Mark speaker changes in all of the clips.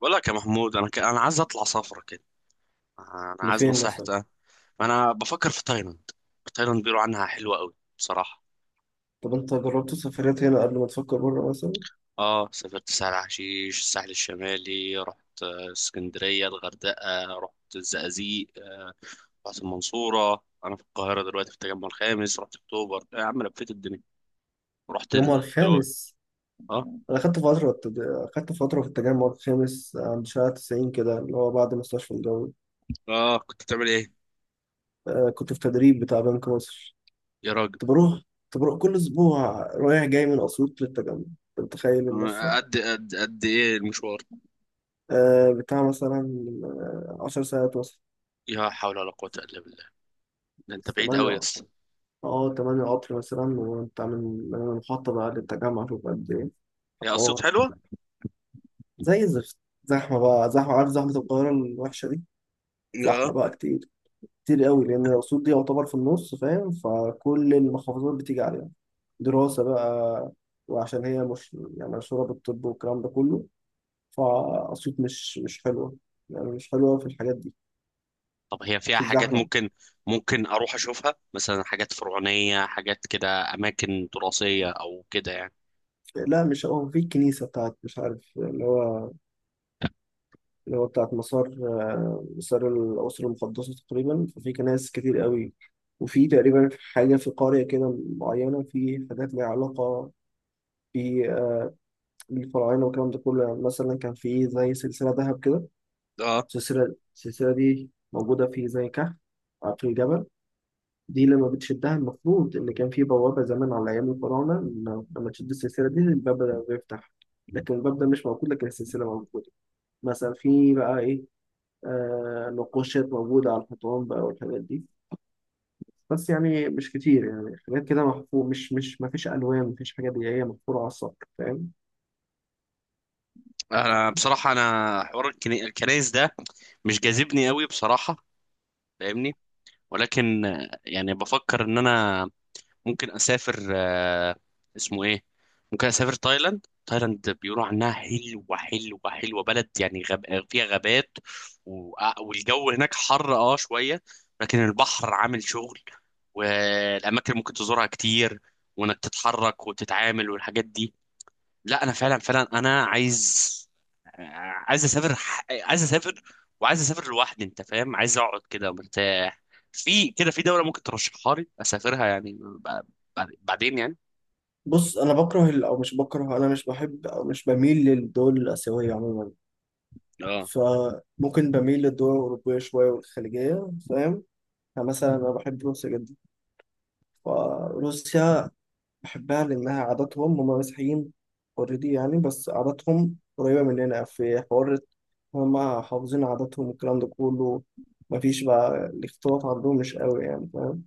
Speaker 1: بقول لك يا محمود، انا عايز اطلع سفره كده. انا عايز
Speaker 2: لفين مثلا؟
Speaker 1: نصيحتك. انا بفكر في تايلاند. تايلاند بيقولوا عنها حلوه قوي بصراحه.
Speaker 2: طب انت جربت سفريات هنا قبل ما تفكر بره مثلا؟
Speaker 1: اه، سافرت سهل حشيش، الساحل الشمالي، رحت اسكندريه، الغردقه، رحت الزقازيق، رحت المنصوره. انا في القاهره دلوقتي في التجمع الخامس، رحت اكتوبر. إيه يا عم، لفيت الدنيا، رحت
Speaker 2: التجمع
Speaker 1: الدول.
Speaker 2: الخامس.
Speaker 1: اه.
Speaker 2: انا خدت فتره التج... خدت فتره في التجمع الخامس عند شارع 90 كده اللي هو بعد مستشفى الجوي.
Speaker 1: اه، كنت بتعمل ايه؟
Speaker 2: آه، كنت في تدريب بتاع بنك مصر.
Speaker 1: يا راجل.
Speaker 2: كنت بروح كنت بروح كل اسبوع رايح جاي من اسيوط للتجمع. انت متخيل المشروع؟
Speaker 1: قد ايه المشوار؟
Speaker 2: آه، بتاع مثلا آه، 10 ساعات مثلا.
Speaker 1: يا حول ولا قوه الا بالله، ده انت بعيد قوي يا
Speaker 2: 8.
Speaker 1: اسطى.
Speaker 2: اه 8 قطر مثلا. وانت من المحطة بقى للتجمع شوف قد ايه.
Speaker 1: هي
Speaker 2: حوار.
Speaker 1: اسيوط حلوه؟
Speaker 2: زي الزفت. زحمة بقى زحمة، عارف، زحمة القاهرة الوحشة دي، زحمة
Speaker 1: اه.
Speaker 2: بقى كتير، كتير قوي لأن الأسيوط دي يعتبر في النص فاهم، فكل المحافظات بتيجي عليها دراسة بقى. وعشان هي مش يعني مشهورة بالطب والكلام ده كله، فأسيوط مش حلوة. يعني مش حلوة في الحاجات دي،
Speaker 1: طب هي فيها
Speaker 2: في
Speaker 1: حاجات،
Speaker 2: الزحمة.
Speaker 1: ممكن اروح اشوفها مثلا، حاجات فرعونية، حاجات كده، اماكن تراثية او كده يعني؟
Speaker 2: لا، مش هو في الكنيسة بتاعت مش عارف اللي هو، اللي هو بتاعت مسار، مسار الأسرة المقدسة تقريبا، ففي كنائس كتير قوي. وفي تقريبا حاجة في قرية كده معينة، في حاجات ليها علاقة ب- آه، بالفراعنة والكلام ده كله. يعني مثلا كان في زي سلسلة ذهب كده،
Speaker 1: اه.
Speaker 2: السلسلة دي موجودة في زي كهف في الجبل. دي لما بتشدها، المفروض إن كان في بوابة زمان على أيام الفراعنة، إن لما تشد السلسلة دي الباب ده بيفتح، لكن الباب ده مش موجود لكن السلسلة موجودة. مثلا في بقى إيه، آه، نقوشات موجودة على الحيطان بقى والحاجات دي، بس يعني مش كتير. يعني حاجات كده محفور، مش ما فيش ألوان، ما فيش حاجات، هي محفورة على السطح فاهم.
Speaker 1: انا بصراحة، انا حوار الكنايس ده مش جاذبني قوي بصراحة، فاهمني؟ ولكن يعني بفكر ان انا ممكن اسافر، اسمه ايه، ممكن اسافر تايلاند. تايلاند بيقولوا عنها حلوه حلوه حلوه. بلد يعني فيها غابات و... آه، والجو هناك حر شويه، لكن البحر عامل شغل، والاماكن اللي ممكن تزورها كتير، وانك تتحرك وتتعامل والحاجات دي. لا، انا فعلا فعلا انا عايز اسافر، عايز اسافر، وعايز اسافر لوحدي. انت فاهم، عايز اقعد كده مرتاح. في كده، في دولة ممكن ترشحها لي اسافرها يعني بعدين يعني؟
Speaker 2: بص، انا بكره او مش بكره، انا مش بحب او مش بميل للدول الاسيويه عموما.
Speaker 1: اه.
Speaker 2: فممكن بميل للدول الاوروبيه شويه والخليجيه فاهم. يعني مثلا انا بحب روسيا جدا، فروسيا بحبها لأنها عاداتهم هم مسيحيين اوريدي يعني، بس عاداتهم قريبة مننا في حوار. هم حافظين عاداتهم والكلام ده كله، مفيش بقى الاختلاط عندهم مش قوي يعني فاهم.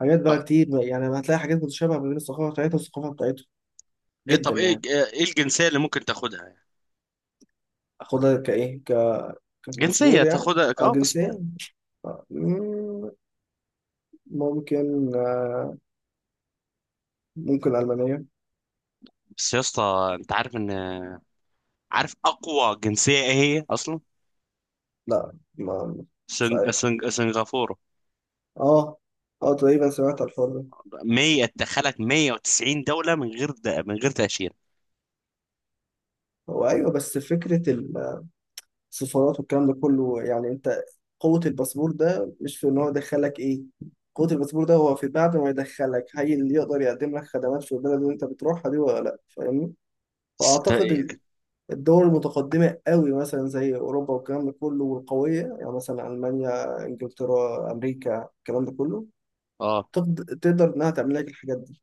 Speaker 2: حاجات بقى
Speaker 1: ب-
Speaker 2: كتير بقى، يعني هتلاقي حاجات متشابهة ما بين الثقافة بتاعتها والثقافة بتاعتهم
Speaker 1: إيه،
Speaker 2: جدا
Speaker 1: طب ايه
Speaker 2: يعني.
Speaker 1: ايه الجنسية اللي ممكن تاخدها يعني؟
Speaker 2: أخدها كإيه،
Speaker 1: جنسية
Speaker 2: كباسبور يعني؟
Speaker 1: تاخدها،
Speaker 2: أه،
Speaker 1: اه، بس.
Speaker 2: جنسية. آه، مم، ممكن آه، ممكن ألمانية.
Speaker 1: بس يا اسطى، انت عارف ان، عارف اقوى جنسية ايه هي اصلا؟
Speaker 2: لا، ما مش
Speaker 1: سنغ...
Speaker 2: عارف.
Speaker 1: سنغ... سنغافورة
Speaker 2: اه، اه، تقريبا سمعت الحوار ده.
Speaker 1: 100 تدخلك 190 دولة من غير من غير تأشيرة.
Speaker 2: هو ايوه، بس فكره ال سفارات والكلام ده كله يعني، انت قوة الباسبور ده مش في ان هو يدخلك ايه، قوة الباسبور ده هو في بعد ما يدخلك، هي اللي يقدر يقدم لك خدمات في البلد اللي انت بتروحها دي ولا لا فاهمني.
Speaker 1: ت-
Speaker 2: فاعتقد الدول المتقدمة قوي مثلا زي اوروبا والكلام ده كله والقوية، يعني مثلا المانيا، انجلترا، امريكا، الكلام ده كله
Speaker 1: اه.
Speaker 2: تقدر انها تعمل لك الحاجات دي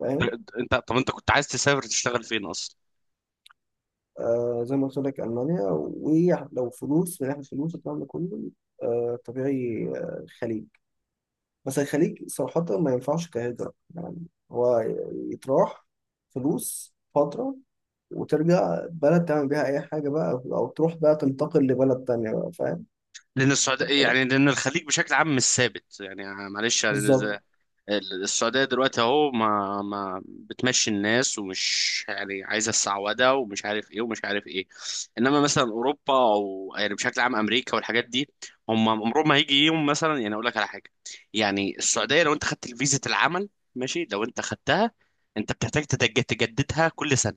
Speaker 2: فاهم.
Speaker 1: انت، طب انت كنت عايز تسافر تشتغل فين اصلا؟
Speaker 2: آه، زي ما قلت لك المانيا. ولو فلوس من ناحية فلوس الكلام ده كله، آه طبيعي، الخليج. بس الخليج صراحة ما ينفعش كهجرة يعني، هو يتراح فلوس فترة وترجع بلد تعمل بيها أي حاجة بقى، أو تروح بقى تنتقل لبلد تانية بقى فاهم.
Speaker 1: لان السعوديه إيه يعني، لان الخليج بشكل عام مش ثابت يعني. معلش يعني،
Speaker 2: بالظبط.
Speaker 1: السعوديه دلوقتي اهو، ما بتمشي الناس، ومش يعني عايزه السعوده، ومش عارف ايه ومش عارف ايه. انما مثلا اوروبا، او يعني بشكل عام امريكا والحاجات دي، هم عمرهم ما هيجي يوم. مثلا يعني اقول لك على حاجه، يعني السعوديه لو انت خدت فيزه العمل، ماشي، لو انت خدتها انت بتحتاج تجددها كل سنه،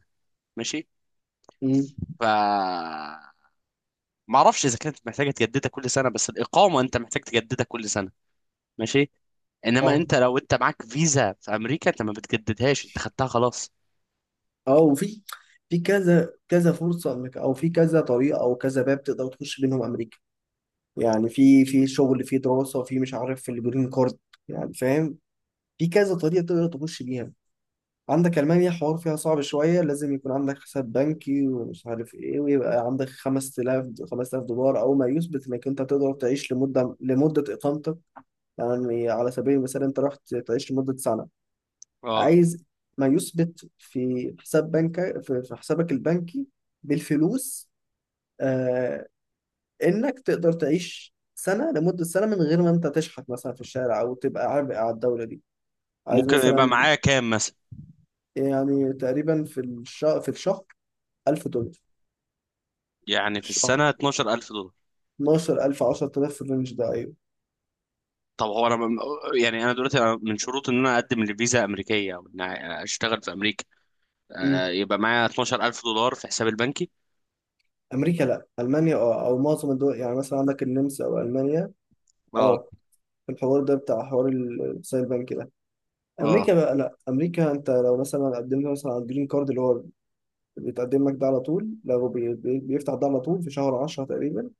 Speaker 1: ماشي.
Speaker 2: مم.
Speaker 1: ف ما اعرفش اذا كانت محتاجه تجددها كل سنه، بس الاقامه انت محتاج تجددها كل سنه، ماشي. انما
Speaker 2: اه،
Speaker 1: انت، لو انت معاك فيزا في امريكا، انت ما بتجددهاش، انت خدتها خلاص.
Speaker 2: اه، وفي في كذا كذا فرصة انك، او في كذا طريقة او كذا باب تقدر تخش منهم امريكا. يعني في في شغل، في دراسة، في مش عارف، في الجرين كارد يعني فاهم. في كذا طريقة تقدر تخش بيها. عندك ألمانيا حوار فيها صعب شوية، لازم يكون عندك حساب بنكي ومش عارف إيه، ويبقى عندك 5000، 5000 دولار أول ما يثبت إنك أنت تقدر تعيش لمدة إقامتك. يعني على سبيل المثال، أنت رحت تعيش لمدة سنة،
Speaker 1: اه.
Speaker 2: عايز ما يثبت في حساب بنك، في حسابك البنكي بالفلوس، آه، إنك تقدر تعيش سنة لمدة سنة من غير ما أنت تشحت مثلا في الشارع أو تبقى عبء على الدولة دي. عايز
Speaker 1: ممكن يبقى
Speaker 2: مثلا،
Speaker 1: معايا كام مثلا؟
Speaker 2: يعني تقريبا في الشهر، في الشهر 1000 دولار.
Speaker 1: يعني في
Speaker 2: مش- آه،
Speaker 1: السنه 12000 دولار؟
Speaker 2: 12000، 10000 في الرينج ده ايوه.
Speaker 1: طب هو انا يعني، انا دلوقتي أنا من شروط ان انا اقدم لفيزا امريكيه، او ان اشتغل في امريكا،
Speaker 2: مم.
Speaker 1: آه، يبقى معايا 12000 دولار في حسابي البنكي؟
Speaker 2: امريكا؟ لا، المانيا. اه، او معظم الدول يعني، مثلا عندك النمسا او المانيا.
Speaker 1: اه.
Speaker 2: اه، في الحوار ده بتاع حوار السايل بانك ده.
Speaker 1: اه.
Speaker 2: امريكا بقى لا، امريكا انت لو مثلا قدمت مثلا على الجرين كارد اللي هو بيتقدم لك ده على طول، لو بيفتح ده على طول في شهر 10 تقريبا.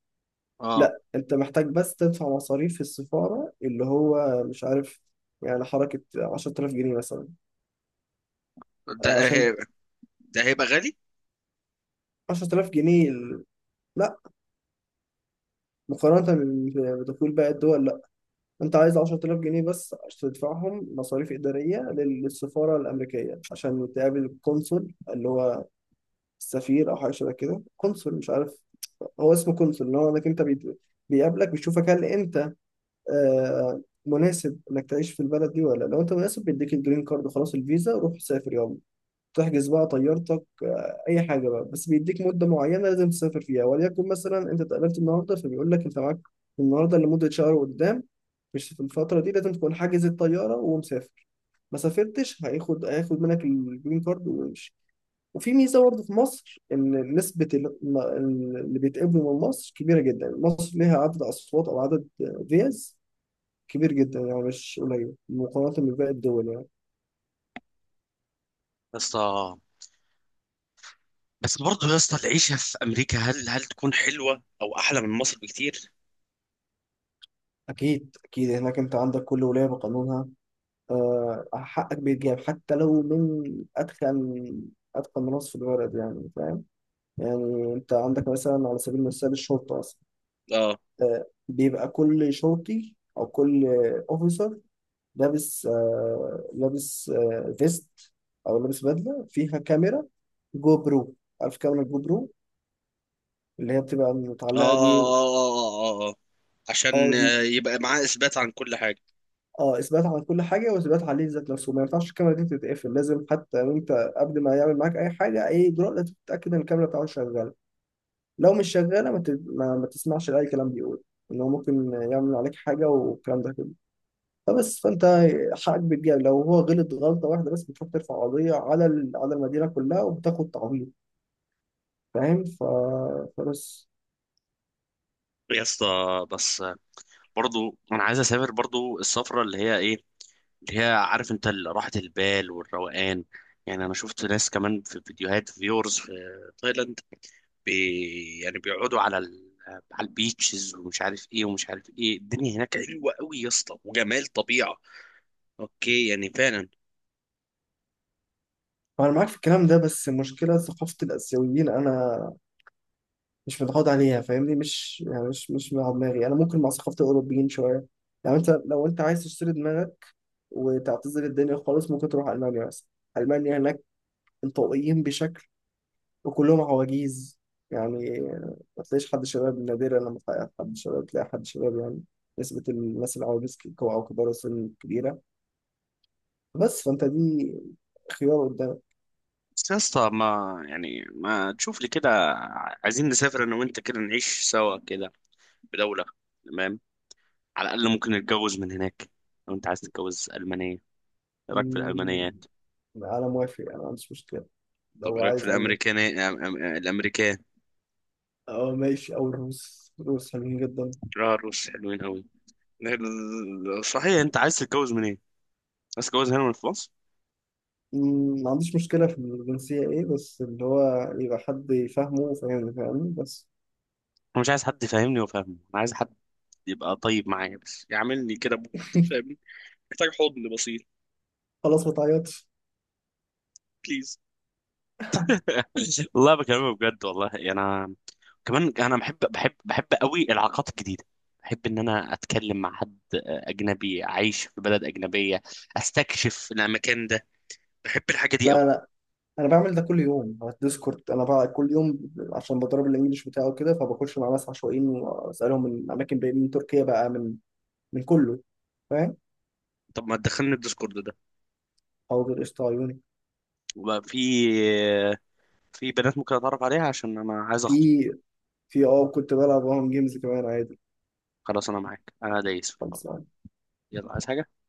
Speaker 1: اه.
Speaker 2: لا، انت محتاج بس تدفع مصاريف في السفاره اللي هو مش عارف، يعني حركه 10000 جنيه مثلا، آه،
Speaker 1: ده
Speaker 2: عشان
Speaker 1: هي- ده هيبقى غالي يا
Speaker 2: 10000 جنيه لا، مقارنه بدخول باقي الدول انت عايز 10000 جنيه بس عشان تدفعهم مصاريف اداريه للسفاره الامريكيه عشان تقابل القنصل اللي هو السفير او حاجه شبه كده، قنصل مش عارف. هو اسمه قنصل، اللي هو انك انت بيقابلك، بيشوفك هل انت آه، مناسب انك تعيش في البلد دي ولا لا. لو انت مناسب بيديك الجرين كارد خلاص، الفيزا روح سافر يلا، تحجز بقى طيارتك اي حاجه بقى. بس بيديك مده معينه لازم تسافر فيها، وليكن مثلا انت اتقابلت النهارده فبيقول لك انت معاك النهارده لمده شهر قدام، مش في الفتره دي لازم تكون حاجز الطياره ومسافر. ما سافرتش هياخد، هياخد منك الجرين كارد ويمشي. وفي ميزه برضه في مصر ان نسبه اللي بيتقبلوا من مصر كبيره جدا. مصر ليها عدد اصوات او عدد فيز كبير جدا، يعني مش قليل مقارنه بباقي الدول يعني.
Speaker 1: اسطى. بس برضه يا اسطى، العيشه في امريكا هل تكون حلوه او احلى من مصر بكتير؟
Speaker 2: اكيد اكيد هناك، انت عندك كل ولايه بقانونها، آه، حقك بيتجاب حتى لو من أتخن أتخن ناس في البلد يعني فاهم. يعني أنت عندك مثلا على سبيل المثال الشرطة مثلا،
Speaker 1: اه.
Speaker 2: آه، بيبقى كل شرطي أو كل أوفيسر لابس، لابس، فيست أو لابس بدلة فيها كاميرا جو برو. عارف كاميرا جو برو اللي هي بتبقى
Speaker 1: اه.
Speaker 2: متعلقة
Speaker 1: اه.
Speaker 2: دي.
Speaker 1: اه. اه، آه.
Speaker 2: اه،
Speaker 1: عشان
Speaker 2: دي
Speaker 1: يبقى معاه اثبات عن كل حاجه.
Speaker 2: اه، اثبات على كل حاجه، واثبات عليه ذات نفسه، ما ينفعش الكاميرا دي تتقفل، لازم حتى وانت قبل ما يعمل معاك اي حاجه، اي اجراء لازم تتاكد ان الكاميرا بتاعته شغاله. لو مش شغاله ما, ت... ما... ما تسمعش لاي كلام بيقول ان هو ممكن يعمل عليك حاجه والكلام ده كله. فبس فانت حقك بيتجاب. لو هو غلط غلطه واحده بس، بتروح ترفع قضيه على ال... على المدينه كلها وبتاخد تعويض فاهم فبس.
Speaker 1: يا اسطى، بس برضه انا عايز اسافر، برضه السفره اللي هي ايه، اللي هي عارف انت، راحه البال والروقان. يعني انا شفت ناس كمان في فيديوهات فيورز في تايلاند، يعني بيقعدوا على البيتشز، ومش عارف ايه ومش عارف ايه. الدنيا هناك حلوه قوي يا اسطى، وجمال طبيعه، اوكي يعني فعلا.
Speaker 2: انا معاك في الكلام ده، بس المشكله ثقافه الاسيويين انا مش متعود عليها فاهمني. مش يعني مش مع دماغي، انا ممكن مع ثقافه الاوروبيين شويه. يعني انت لو انت عايز تشتري دماغك وتعتزل الدنيا خالص، ممكن تروح المانيا مثلا. المانيا هناك انطوائيين بشكل وكلهم عواجيز يعني، ما تلاقيش حد شباب. نادرا لما تلاقي حد شباب تلاقي حد شباب يعني، نسبة الناس العواجيز أو كبار السن كبيرة. بس فأنت دي خيار قدامك.
Speaker 1: بس يا اسطى، ما يعني ما تشوف لي كده؟ عايزين نسافر انا وانت كده، نعيش سوا كده بدولة، تمام. على الاقل ممكن نتجوز من هناك. لو انت عايز تتجوز المانية، ايه رايك في
Speaker 2: أمم،
Speaker 1: الالمانيات؟
Speaker 2: أنا موافق، أنا ما عنديش مشكلة.
Speaker 1: طب
Speaker 2: لو
Speaker 1: ايه رايك في
Speaker 2: عايز ألمان،
Speaker 1: الامريكان؟ الامريكان.
Speaker 2: أه ماشي، أو الروس، الروس حلوين جدا.
Speaker 1: اه، الروس حلوين قوي. صحيح، انت عايز تتجوز من ايه؟ عايز تتجوز هنا من في مصر؟
Speaker 2: مم، ما عنديش مشكلة في الجنسية، إيه بس اللي هو يبقى حد يفهمه وفاهمني فاهمني بس.
Speaker 1: انا مش عايز حد يفهمني وفاهمه. انا عايز حد يبقى طيب معايا، بس يعمل لي كده بوت، فاهمني؟ محتاج حضن بسيط،
Speaker 2: خلاص ما تعيطش.
Speaker 1: بليز. والله بكلمك بجد والله، يعني انا كمان انا بحب بحب بحب قوي العلاقات الجديده، بحب ان انا اتكلم مع حد اجنبي، اعيش في بلد اجنبيه، استكشف المكان ده. بحب الحاجه دي قوي.
Speaker 2: لا لا، أنا بعمل ده كل يوم على الديسكورد أنا بقى، كل يوم عشان بدرب الإنجليش بتاعه كده، فبخش مع ناس عشوائيين وأسألهم من أماكن بعيدة، من تركيا بقى، من من كله فاهم.
Speaker 1: طب ما تدخلني الديسكورد ده؟
Speaker 2: حاضر قشطة عيوني.
Speaker 1: وبقى في بنات ممكن اتعرف عليها عشان انا عايز
Speaker 2: في
Speaker 1: اخطب.
Speaker 2: في كنت بلعب معاهم جيمز كمان عادي.
Speaker 1: خلاص، انا معاك انا دايس في الحوار.
Speaker 2: خلاص.
Speaker 1: يلا، عايز حاجه؟